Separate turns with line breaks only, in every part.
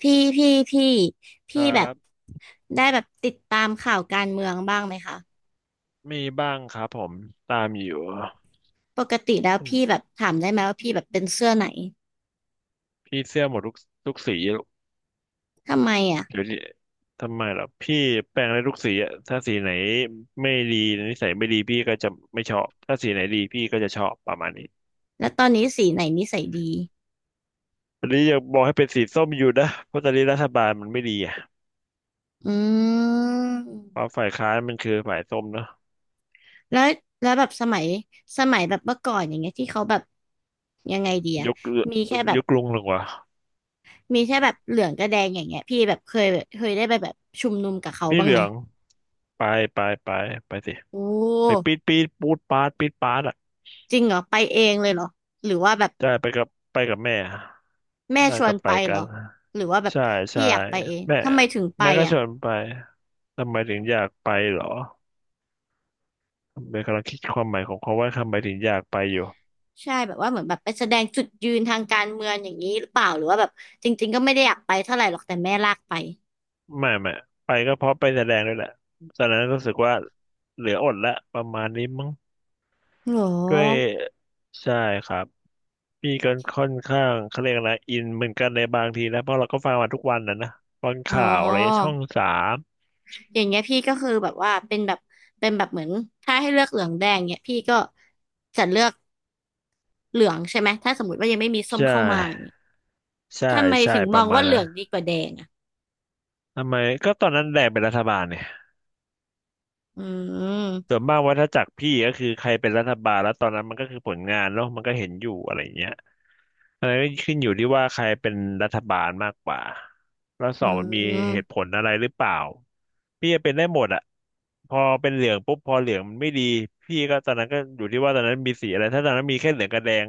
พี่พี่พี่
ค
พี่
รั
แบบ
บ
ได้แบบติดตามข่าวการเมืองบ้างไหมคะ
มีบ้างครับผมตามอยู่
ปกติแล้วพี่แบบถามได้ไหมว่าพี่แบบเป็นเสื้อไหน
พี่เสื้อหมดทุกสี
ทำไมอ่ะ
เดี๋ยวดิทำไมล่ะพี่แปลงได้ทุกสีอะถ้าสีไหนไม่ดีนิสัยไม่ดีพี่ก็จะไม่ชอบถ้าสีไหนดีพี่ก็จะชอบประมาณนี้
แล้วตอนนี้สีไหนนิสัยดี
วันนี้อยากบอกให้เป็นสีส้มอยู่นะเพราะตอนนี้รัฐบาลมันไม่ดีอ่ะ
อื
เพราะ
ม
ฝ่ายค้านมันคือฝ่ายส้มเนอะ
แล้วแบบสมัยแบบเมื่อก่อนอย่างเงี้ยที่เขาแบบยังไงดีอะ
ยก
มีแค่แบ
ย
บ
กลุงลงวะ
เหลืองกับแดงอย่างเงี้ยพี่แบบเคยได้ไปแบบชุมนุมกับเขา
พี่
บ้าง
เหลื
ไหม
องไปไปไปไปสิ
โอ
ไป
้
ปีดปีดปูดปาดปีดปาดอ่ะ
จริงเหรอไปเองเลยเหรอหรือว่าแบบ
ได้ไปกับแม่
แม่
บ้า
ช
น
ว
ก็
น
ไป
ไปเหร
กั
อ
น
หรือว่าแบบ
ใช่
พี่
ใช่
อยากไปเอง
แม่
ทำไมถึงไป
แม่ก็
อ่ะ
ชวนไปทำไมถึงอยากไปเหรอเบนกำลังคิดความหมายของคำว่าทำไมถึงอยากไปอยู่
ใช่แบบว่าเหมือนแบบไปแสดงจุดยืนทางการเมืองอย่างนี้หรือเปล่าหรือว่าแบบจริงๆก็ไม่ได้อยากไปเท่าไหร่หรอกแต่แม่ลากไป
ไม่ไม่ไปก็เพราะไปแสดงด้วยแหละตอนนั้นรู้สึกว่าเหลืออดละประมาณนี้มั้ง
หรอ
ด้วยใช่ครับพี่ก็ค่อนข้างเขาเรียกอะไรอินเหมือนกันในบางทีนะเพราะเราก็ฟังมาทุกวันนะนะฟัง
อ๋
ข่าวอะไรช่อ
อ
งสาม
อย่างเงี้ยพี่ก็คือแบบว่าเป็นแบบเหมือนถ้าให้เลือกเหลืองแดงเนี้ยพี่ก็จะเลือกเหลืองใช่ไหมถ้าสมมติว่ายังไม่มีส้ม
ใช่
เข้ามาอย่างเนี้ย
ใช่
ทำไม
ใช่
ถึง
ป
ม
ระ
อง
มา
ว่า
ณ
เห
นั้
ลื
น
องดีกว่าแดงอ่ะ
ทำไมก็ตอนนั้นแดงเป็นรัฐบาลเนี่ย
อืม
ส่วนมากวัฏจักรพี่ก็คือใครเป็นรัฐบาลแล้วตอนนั้นมันก็คือผลงานเนาะมันก็เห็นอยู่อะไรอย่างเงี้ยอะไรก็ขึ้นอยู่ที่ว่าใครเป็นรัฐบาลมากกว่าแล้วส
อื
องมันมีเหตุผ
ม
ลอะไรหรือเปล่าพี่จะเป็นได้หมดอะพอเป็นเหลืองปุ๊บพอเหลืองมันไม่ดีพี่ก็ตอนนั้นก็อยู่ที่ว่าตอนนั้นมีสีอะไรถ้าตอนนั้นมีแค่เหลืองกับแดง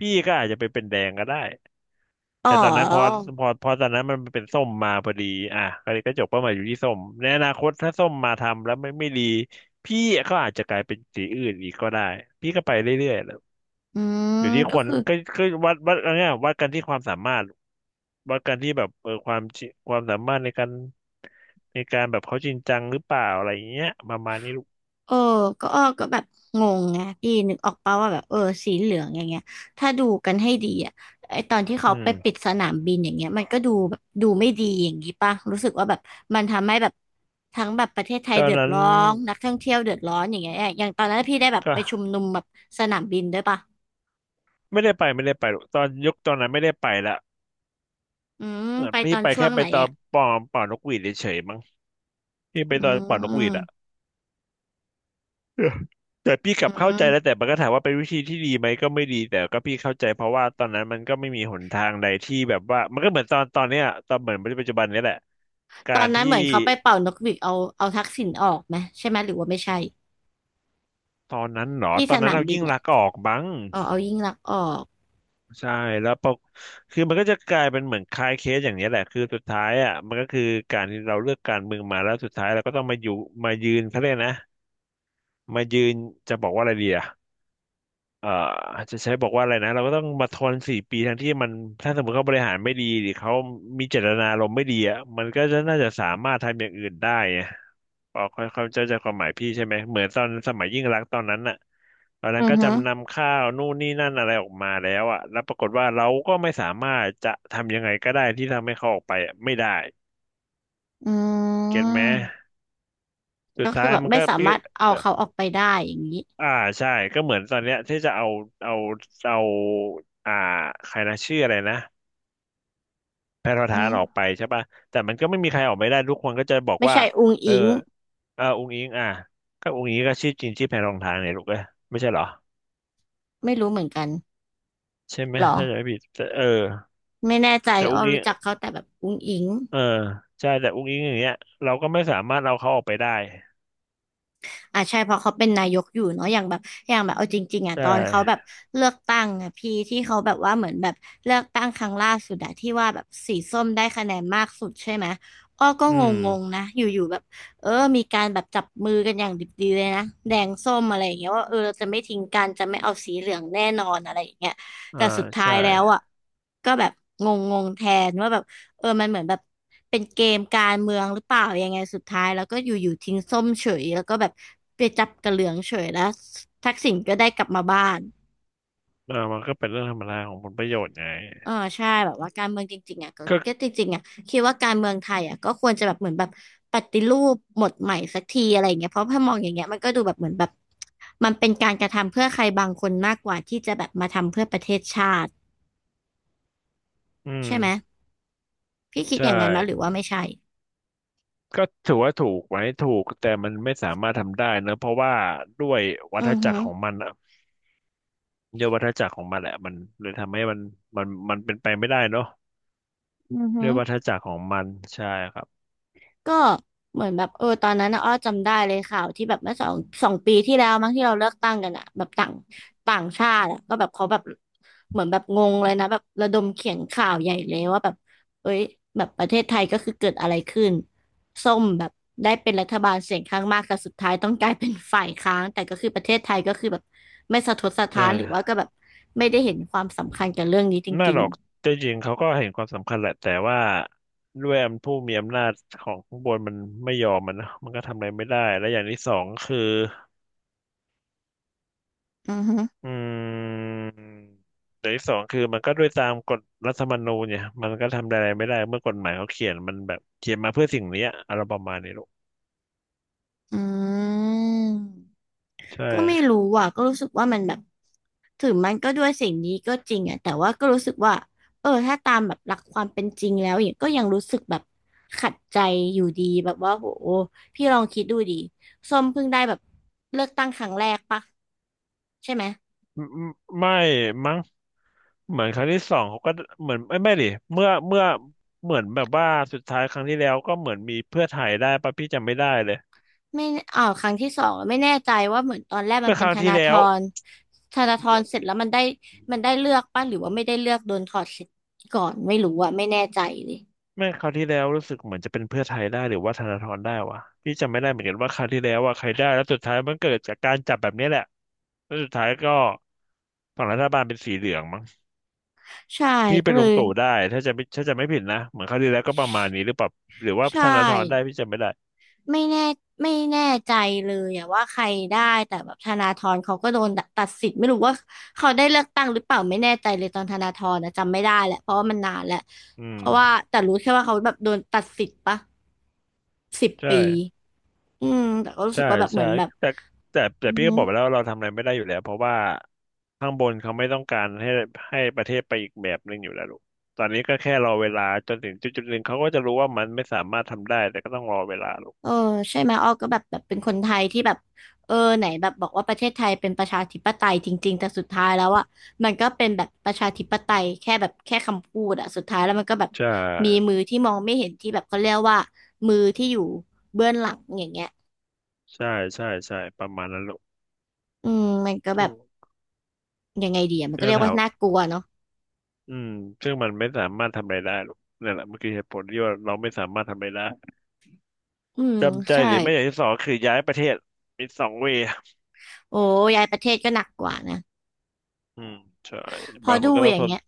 พี่ก็อาจจะไปเป็นแดงก็ได้
อ๋อ
แต่ตอนนั้นพอตอนนั้นมันเป็นส้มมาพอดีอ่ะก็เลยก็จบเป้าหมายอยู่ที่ส้มในอนาคตถ้าส้มมาทำแล้วไม่ดีพี่ก็อาจจะกลายเป็นสีอื่นอีกก็ได้พี่ก็ไปเรื่อยๆแหล้ว
อืม
อยู่ที่
ก็
คน
คือ
ก็วัดอะไรเงี้ยวัดกันที่ความสามารถวัดกันที่แบบเออความสามารถในการแบบเขาจริงจังหรือเปล่าอะไรอย่างเงี้ยประมาณนี้ลูก
เออก็อ้อก็แบบงงไงพี่นึกออกป่าวว่าแบบสีเหลืองอย่างเงี้ยถ้าดูกันให้ดีอ่ะไอตอนที่
อื
เขาไปปิด
ม
สนามบินอย่างเงี้ยมันก็ดูแบบดูไม่ดีอย่างงี้ป่ะรู้สึกว่าแบบมันทำให้แบบทั้งแบบประเทศไทย
ตอ
เดื
น
อด
นั้น
ร้อนนักท่องเที่ยวเดือดร้อนอย่างเงี้ยอย่างตอนนั้นพี่ได้แบบ
ก็
ไปชุมนุมแบบสนามบินด้วยป่ะ
ไม่ได้ไปหรอกตอนนั้นไม่ได้ไปละ
อืม
เหมือน
ไป
พี่
ตอน
ไป
ช่ว
แค่
ง
ไป
ไหน
ตอน
อ่ะ
นกหวีดเฉยๆมั้ง ที่ไป
อื
ตอนเป่านกหวีดอ่ะ
ม
เออแต่พี่ก
อื
ลับเข้าใจแล้ว
ม
แต่มันก็ถามว่าเป็นวิธีที่ดีไหมก็ไม่ดีแต่ก็พี่เข้าใจเพราะว่าตอนนั้นมันก็ไม่มีหนทางใดที่แบบว่ามันก็เหมือนตอนเนี้ยตอนเหมือนปัจจุบันเนี้ยแหละ
ต
กา
อน
ร
นั้น
ที่
เหมือนเขาไปเป่านกหวีดเอาทักษิณออกไหมใช่ไหมหรือว่าไม่ใช่
ตอนนั้นเหรอ
ที่
ตอ
ส
นนั้น
นาม
เรา
บิน
ยิ่ง
อ่ะ
ลักษณ์ออกบ้าง
อ๋อเอายิ่งลักษณ์ออก
ใช่แล้วคือมันก็จะกลายเป็นเหมือนคลายเคสอย่างเนี้ยแหละคือสุดท้ายอ่ะมันก็คือการที่เราเลือกการเมืองมาแล้วสุดท้ายเราก็ต้องมาอยู่มายืนเขาเรียกนะมายืนจะบอกว่าอะไรดีอ่ะ เอ่อจะใช้บอกว่าอะไรนะเราก็ต้องมาทนสี่ปีทั้งที่มันถ้าสมมติเขาบริหารไม่ดีหรือเขามีเจตนารมณ์ไม่ดีอ่ะมันก็จะน่าจะสามารถทำอย่างอื่นได้ไงพอค่อยเข้าใจความหมายพี่ใช่ไหมเหมือนตอนสมัยยิ่งรักษณ์ตอนนั้นน่ะตอนนั้
อื
น
อ
ก็
ฮึ
จำนำข้าวนู่นนี่นั่นอะไรออกมาแล้วอ่ะแล้วปรากฏว่าเราก็ไม่สามารถจะทำยังไงก็ได้ที่ทำให้เขาออกไปอะไม่ได้
อื
เก็ตไหม
ม
สุ
ก็
ด
คือ
ท้าย
แบบ
มัน
ไม่
ก็
สา
พี่
มารถเอา
เอ่อ
เขาออกไปได้อย่างนี้
อ่าใช่ก็เหมือนตอนเนี้ยที่จะเอาเอาอ่าใครนะชื่ออะไรนะ แพทประ
อื
ธานออกไป
ม
ใช่ป่ะแต่มันก็ไม่มีใครออกไม่ได้ทุกคนก็จะบอก
ไม่
ว่า
ใช่อุง
เออ
อิง
เอออุงค์อิงอ่ะก็อุงค์อิงก็ชื่อจริงชื่อแพรรองทานเนี่ยลูกเอ้ยไม่ใช่เหรอ
ไม่รู้เหมือนกัน
ใช่ไหม
หรอ
ถ้าจะไม่ผิดแต่เออ
ไม่แน่ใจ
แต่
อ้
อุ
อ
งอิง
รู้จักเขาแต่แบบอุงอิง
เออใช่แต่อุงอิงอย่างเงี้ยเราก็ไม่สามารถเอาเขาออกไปได้
อ่ะใช่เพราะเขาเป็นนายกอยู่เนาะอย่างแบบเอาจริงๆอ่ะ
ใช่
ตอนเขาแบบเลือกตั้งอ่ะพี่ที่เขาแบบว่าเหมือนแบบเลือกตั้งครั้งล่าสุดอะที่ว่าแบบสีส้มได้คะแนนมากสุดใช่ไหมอ้อก็
อื
งง
ม
ๆนะอยู่ๆแบบเออมีการแบบจับมือกันอย่างดิบดีเลยนะแดงส้มอะไรอย่างเงี้ยว่าเออเราจะไม่ทิ้งกันจะไม่เอาสีเหลืองแน่นอนอะไรอย่างเงี้ย
อ่า
แต่สุดท้าย
ใช่
แล้วอ่ะก็แบบงงๆแทนว่าแบบ มันเหมือนแบบเป็นเกมการเมืองหรือเปล่ายังไงสุดท้ายแล้วก็อยู่ๆทิ้งส้มเฉยแล้วก็แบบไปจับกระเหลืองเฉยแล้วทักษิณก็ได้กลับมาบ้าน
เออมันก็เป็นเรื่องธรรมดาของผลประโยชน์ไง
เออใช่แบบว่าการเมืองจริงๆอ่ะก็
ก็
จริงๆอ่ะคิดว่าการเมืองไทยอ่ะก็ควรจะแบบเหมือนแบบปฏิรูปหมดใหม่สักทีอะไรอย่างเงี้ยเพราะถ้ามองอย่างเงี้ยมันก็ดูแบบเหมือนแบบมันเป็นการกระทำเพื่อใครบางคนมากกว่าที่จะแบบมาทำเพื่อประเทศชาติ
อืม
ใช่ไหมพี่คิด
ใช่
อย่างนั้นไหมหรือว่าไม่ใช่
ก็ถือว่าถูกไหมถูกแต่มันไม่สามารถทำได้เนอะเพราะว่าด้วยวั
อื
ฏ
อ
จั
ฮึ
กรของมัน ด้วยวัฏจักรของมันแหละมันเลยทำให้มันเป็นไปไม่ได้เนาะ
อือฮึ
ด้วยวัฏจักรของมันใช่ครับ
ก็เหมือนแบบตอนนั้นนะอ้อจำได้เลยข่าวที่แบบเมื่อสองปีที่แล้วมั้งที่เราเลือกตั้งกันอะแบบต่างต่างชาติอะก็แบบเขาแบบเหมือนแบบงงเลยนะแบบระดมเขียนข่าวใหญ่เลยว่าแบบเอ้ยแบบประเทศไทยก็คือเกิดอะไรขึ้นส้มแบบได้เป็นรัฐบาลเสียงข้างมากแต่สุดท้ายต้องกลายเป็นฝ่ายค้านแต่ก็คือประเทศไทยก็คือแบบไม่สะทกสะ
ใช่
ท้านหรือว่าก็แบบไม่ได้เห็นความสำคัญกับเรื่องนี้จ
น่
ริ
ห
ง
รอกแต่จริงเขาก็เห็นความสำคัญแหละแต่ว่าด้วยอำผู้มีอำนาจของข้างบนมันไม่ยอมมันนะมันก็ทำอะไรไม่ได้และอย่างที่สองคือ
ๆอือฮึ
อืมอย่างที่สองคือมันก็ด้วยตามกฎรัฐธรรมนูญเนี่ยมันก็ทำอะไรไม่ได้เมื่อกฎหมายเขาเขียนมันแบบเขียนมาเพื่อสิ่งเนี้ยอะไรประมาณนี้ลูก
อืม
ใช่
ก็ไม่รู้อ่ะ ก็รู้สึกว่ามันแบบถึงมันก็ด้วยสิ่งนี้ก็จริงอ่ะ แต่ว่าก็รู้สึกว่าถ้าตามแบบหลักความเป็นจริงแล้วอย่างก็ยังรู้สึกแบบขัดใจอยู่ดีแบบว่าโหพี่ลองคิดดูดิส้มเพิ่งได้แบบเลือกตั้งครั้งแรกปะใช่ไหม
ไม่มั้ง เหมือนครั้งที่สองเขาก็เหมือนไม่ดิเมื่อเหมือนแบบว่าสุดท้ายครั้งที่แล้วก็เหมือนมีเพื่อไทยได้ปะพี่จำไม่ได้เลย
ไม่อ่าวครั้งที่สองไม่แน่ใจว่าเหมือนตอนแรกมั
เมื่
น
อค
เป็น
รั้ง
ธ
ที่
นาธ
แล้ว
รเสร็จแล้วมันได้เลือกปะหรือว่าไม่ได้เลือกโดนถอดสิทธิ์ก่อนไม่รู้อ่ะไม่แน่ใจเลย
เมื่อครั้งที่แล้วรู้สึกเหมือนจะเป็นเพื่อไทยได้หรือว่าธนาธรได้วะพี่จำไม่ได้เหมือนกันว่าครั้งที่แล้วว่าใครได้แล้วสุดท้ายมันเกิดจากการจับแบบนี้แหละแล้วสุดท้ายก็ฝั่งรัฐบาลเป็นสีเหลืองมั้ง
ใช่
ที่
ก็
เป็น
เล
ลุง
ย
ตู่ได้ถ้าจะไม่ผิดนะเหมือนครั้งที่แล้วก็ประมาณนี้หรือเปล่าหรือว่า
ใช่
ธนาธรได้พี่จำไม่ได้
ไม่แน่ไม่แน่ใจเลยอะว่าใครได้แต่แบบธนาธรเขาก็โดนตัดสิทธิ์ไม่รู้ว่าเขาได้เลือกตั้งหรือเปล่าไม่แน่ใจเลยตอนธนาธรนะจำไม่ได้แหละเพราะว่ามันนานแล้ว
อื
เพ
ม
ราะว่าแต่รู้แค่ว่าเขาแบบโดนตัดสิทธิ์ปะสิบ
ใช่
ปีอืมแต่ก็รู้สึ
ใช่
กว่าแบบเหมื
ใช่
อนแบบ
แต่แต่แต่
อือ
พี่ก็
ฮึ
บอกไปแล้วว่าเราทำอะไรไม่ได้อยู่แล้วเพราะว่าข้างบนเขาไม่ต้องการให้ให้ประเทศไปอีกแบบหนึ่งอยู่แล้วลูกตอนนี้ก็แค่รอเวลาจนถึงจุดจุดหนึ่งเขาก็จะรู้ว่ามันไม่สามารถทำได้แต่ก็ต้องรอเวลาลูก
เออใช่ไหมอ้อก็แบบแบบเป็นคนไทยที่แบบเออไหนแบบบอกว่าประเทศไทยเป็นประชาธิปไตยจริงๆแต่สุดท้ายแล้วอ่ะมันก็เป็นแบบประชาธิปไตยแค่แบบแค่คำพูดอ่ะสุดท้ายแล้วมันก็แบบ
ใช่
มีมือที่มองไม่เห็นที่แบบเขาเรียกว่ามือที่อยู่เบื้องหลังอย่างเงี้ย
ใช่ใช่ใช่ประมาณนั้นลูก
อืมมันก็แบ
ซึ่ง
บยังไงดีอ่ะมันก็
เรื่อ
เรี
ง
ยกว่า
ถาม
น่ากลัวเนาะ
อืมซึ่งมันไม่สามารถทำอะไรได้ลูกนั่นแหละมันคือเหตุผลที่ว่าเราไม่สามารถทำอะไรได้
อืม
จำใจ
ใช่
หรือไม่อย่างที่สองคือย้ายประเทศมีสองเวย์
โอ้ย้ายประเทศก็หนักกว่านะ
อืมใช่
พอ
บางค
ดู
นก็ต้อ
อ
ง
ย่า
ท
ง
น
เงี้ย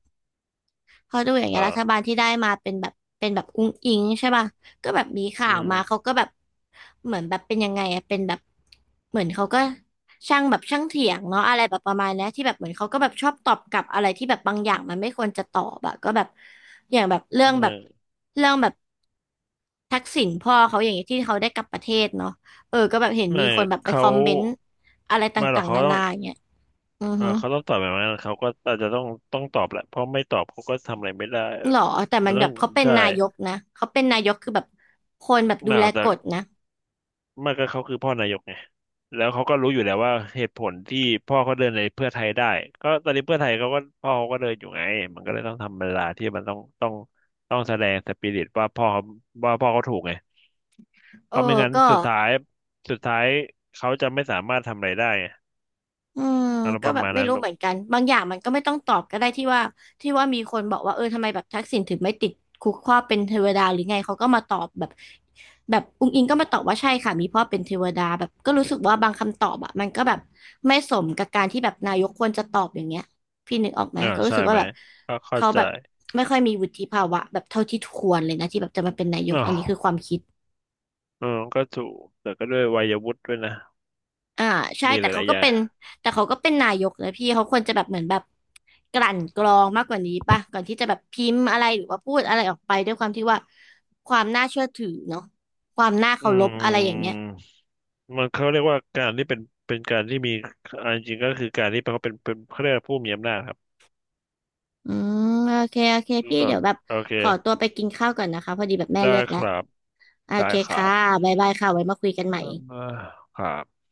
พอดูอย่าง
เอ่
เงี้ย
อ
รัฐบาลที่ได้มาเป็นแบบเป็นแบบอุ้งอิงใช่ป่ะก็แบบมีข่าวมา
อื
เขาก็แบบเหมือนแบบเป็นยังไงอะเป็นแบบเหมือนเขาก็ช่างแบบช่างเถียงเนาะอะไรแบบประมาณเนี้ยที่แบบเหมือนเขาก็แบบชอบตอบกลับอะไรที่แบบบางอย่างมันไม่ควรจะตอบอะก็แบบอย่างแบบเรื่องแบบ
ม
เรื่องแบบทักษิณพ่อเขาอย่างเงี้ยที่เขาได้กลับประเทศเนาะเออก็แบบเห็นมี
ไม่
คนแบบไปค
เขา
อมเมนต์อะไรต
ไม่หรอ
่า
ก
งๆ
เขา
นา
ต้อ
นา
ง
อย่างเงี้ยอือ
เออ
ฮึ
เขาต้องตอบแบบนั้นเขาก็อาจจะต้องตอบแหละเพราะไม่ตอบเขาก็ทำอะไรไม่ได้
หรอแต่
มั
มัน
น
แบ
ต้อง
บเขาเป็น
ใช่
นายกนะเขาเป็นนายกคือแบบคนแบบดู
หนา
แล
วแต่
กฎนะ
ไม่ก็เขาคือพ่อนายกไงแล้วเขาก็รู้อยู่แล้วว่าเหตุผลที่พ่อเขาเดินในเพื่อไทยได้ก็ตอนนี้เพื่อไทยเขาก็พ่อเขาก็เดินอยู่ไงมันก็เลยต้องทำเวลาที่มันต้องแสดงสปิริตว่าพ่อเขาว่าพ่อเขาถูกไงเพ
เออ
ราะไม่งั้น
ก็
สุดท้ายสุดท้ายเขาจะไม่สามารถทำอะไรได้ไง
อืม
อารมณ์
ก็
ประ
แบบ
มาณ
ไม่
นั้น
รู้
ลู
เห
ก
มือนกันบางอย่างมันก็ไม่ต้องตอบก็ได้ที่ว่าที่ว่ามีคนบอกว่าเออทำไมแบบทักษิณถึงไม่ติดคุกข้อเป็นเทวดาหรือไงเขาก็มาตอบแบบแบบอุ๊งอิงก็มาตอบว่าใช่ค่ะมีพ่อเป็นเทวดาแบบก็รู้สึกว่าบางคำตอบอะมันก็แบบไม่สมกับการที่แบบนายกควรจะตอบอย่างเงี้ยพี่นึกออกไหม
อ่า
ก็รู้
ใช่
สึกว่า
ไหม
แบบ
ก็เข้า
เขา
ใจ
แบบไม่ค่อยมีวุฒิภาวะแบบเท่าที่ควรเลยนะที่แบบจะมาเป็นนายก
อ้า
อันนี้คือควา
ว
มคิด
เออก็ถูกแต่ก็ด้วยวัยวุฒิด้วยนะ
อ่าใช่
มีห
แต่เขา
ลายๆ
ก็
อย่าง
เป็นแต่เขาก็เป็นนายกนะพี่เขาควรจะแบบเหมือนแบบกลั่นกรองมากกว่านี้ป่ะก่อนที่จะแบบพิมพ์อะไรหรือว่าพูดอะไรออกไปด้วยความที่ว่าความน่าเชื่อถือเนาะความน่า
อื
เคารพอะไรอย่างเงี้ย
มมันเขาเรียกว่าการที่เป็นเป็นการที่มีอันจริงก็คือการที่เขาเป็นเขาเรียกว่าผู้มีอำนาจครับ
อืมโอเคโอเคพี่
ต่อ
เดี๋ยวแบบ
โอเค
ขอตัวไปกินข้าวก่อนนะคะพอดีแบบแม่
ได้
เรียก
ค
แล้ว
รับ
โอ
ได้
เค
ขา
ค่ะ
ด
บ๊ายบายค่ะไว้มาคุยกันใหม่
อ่าครับ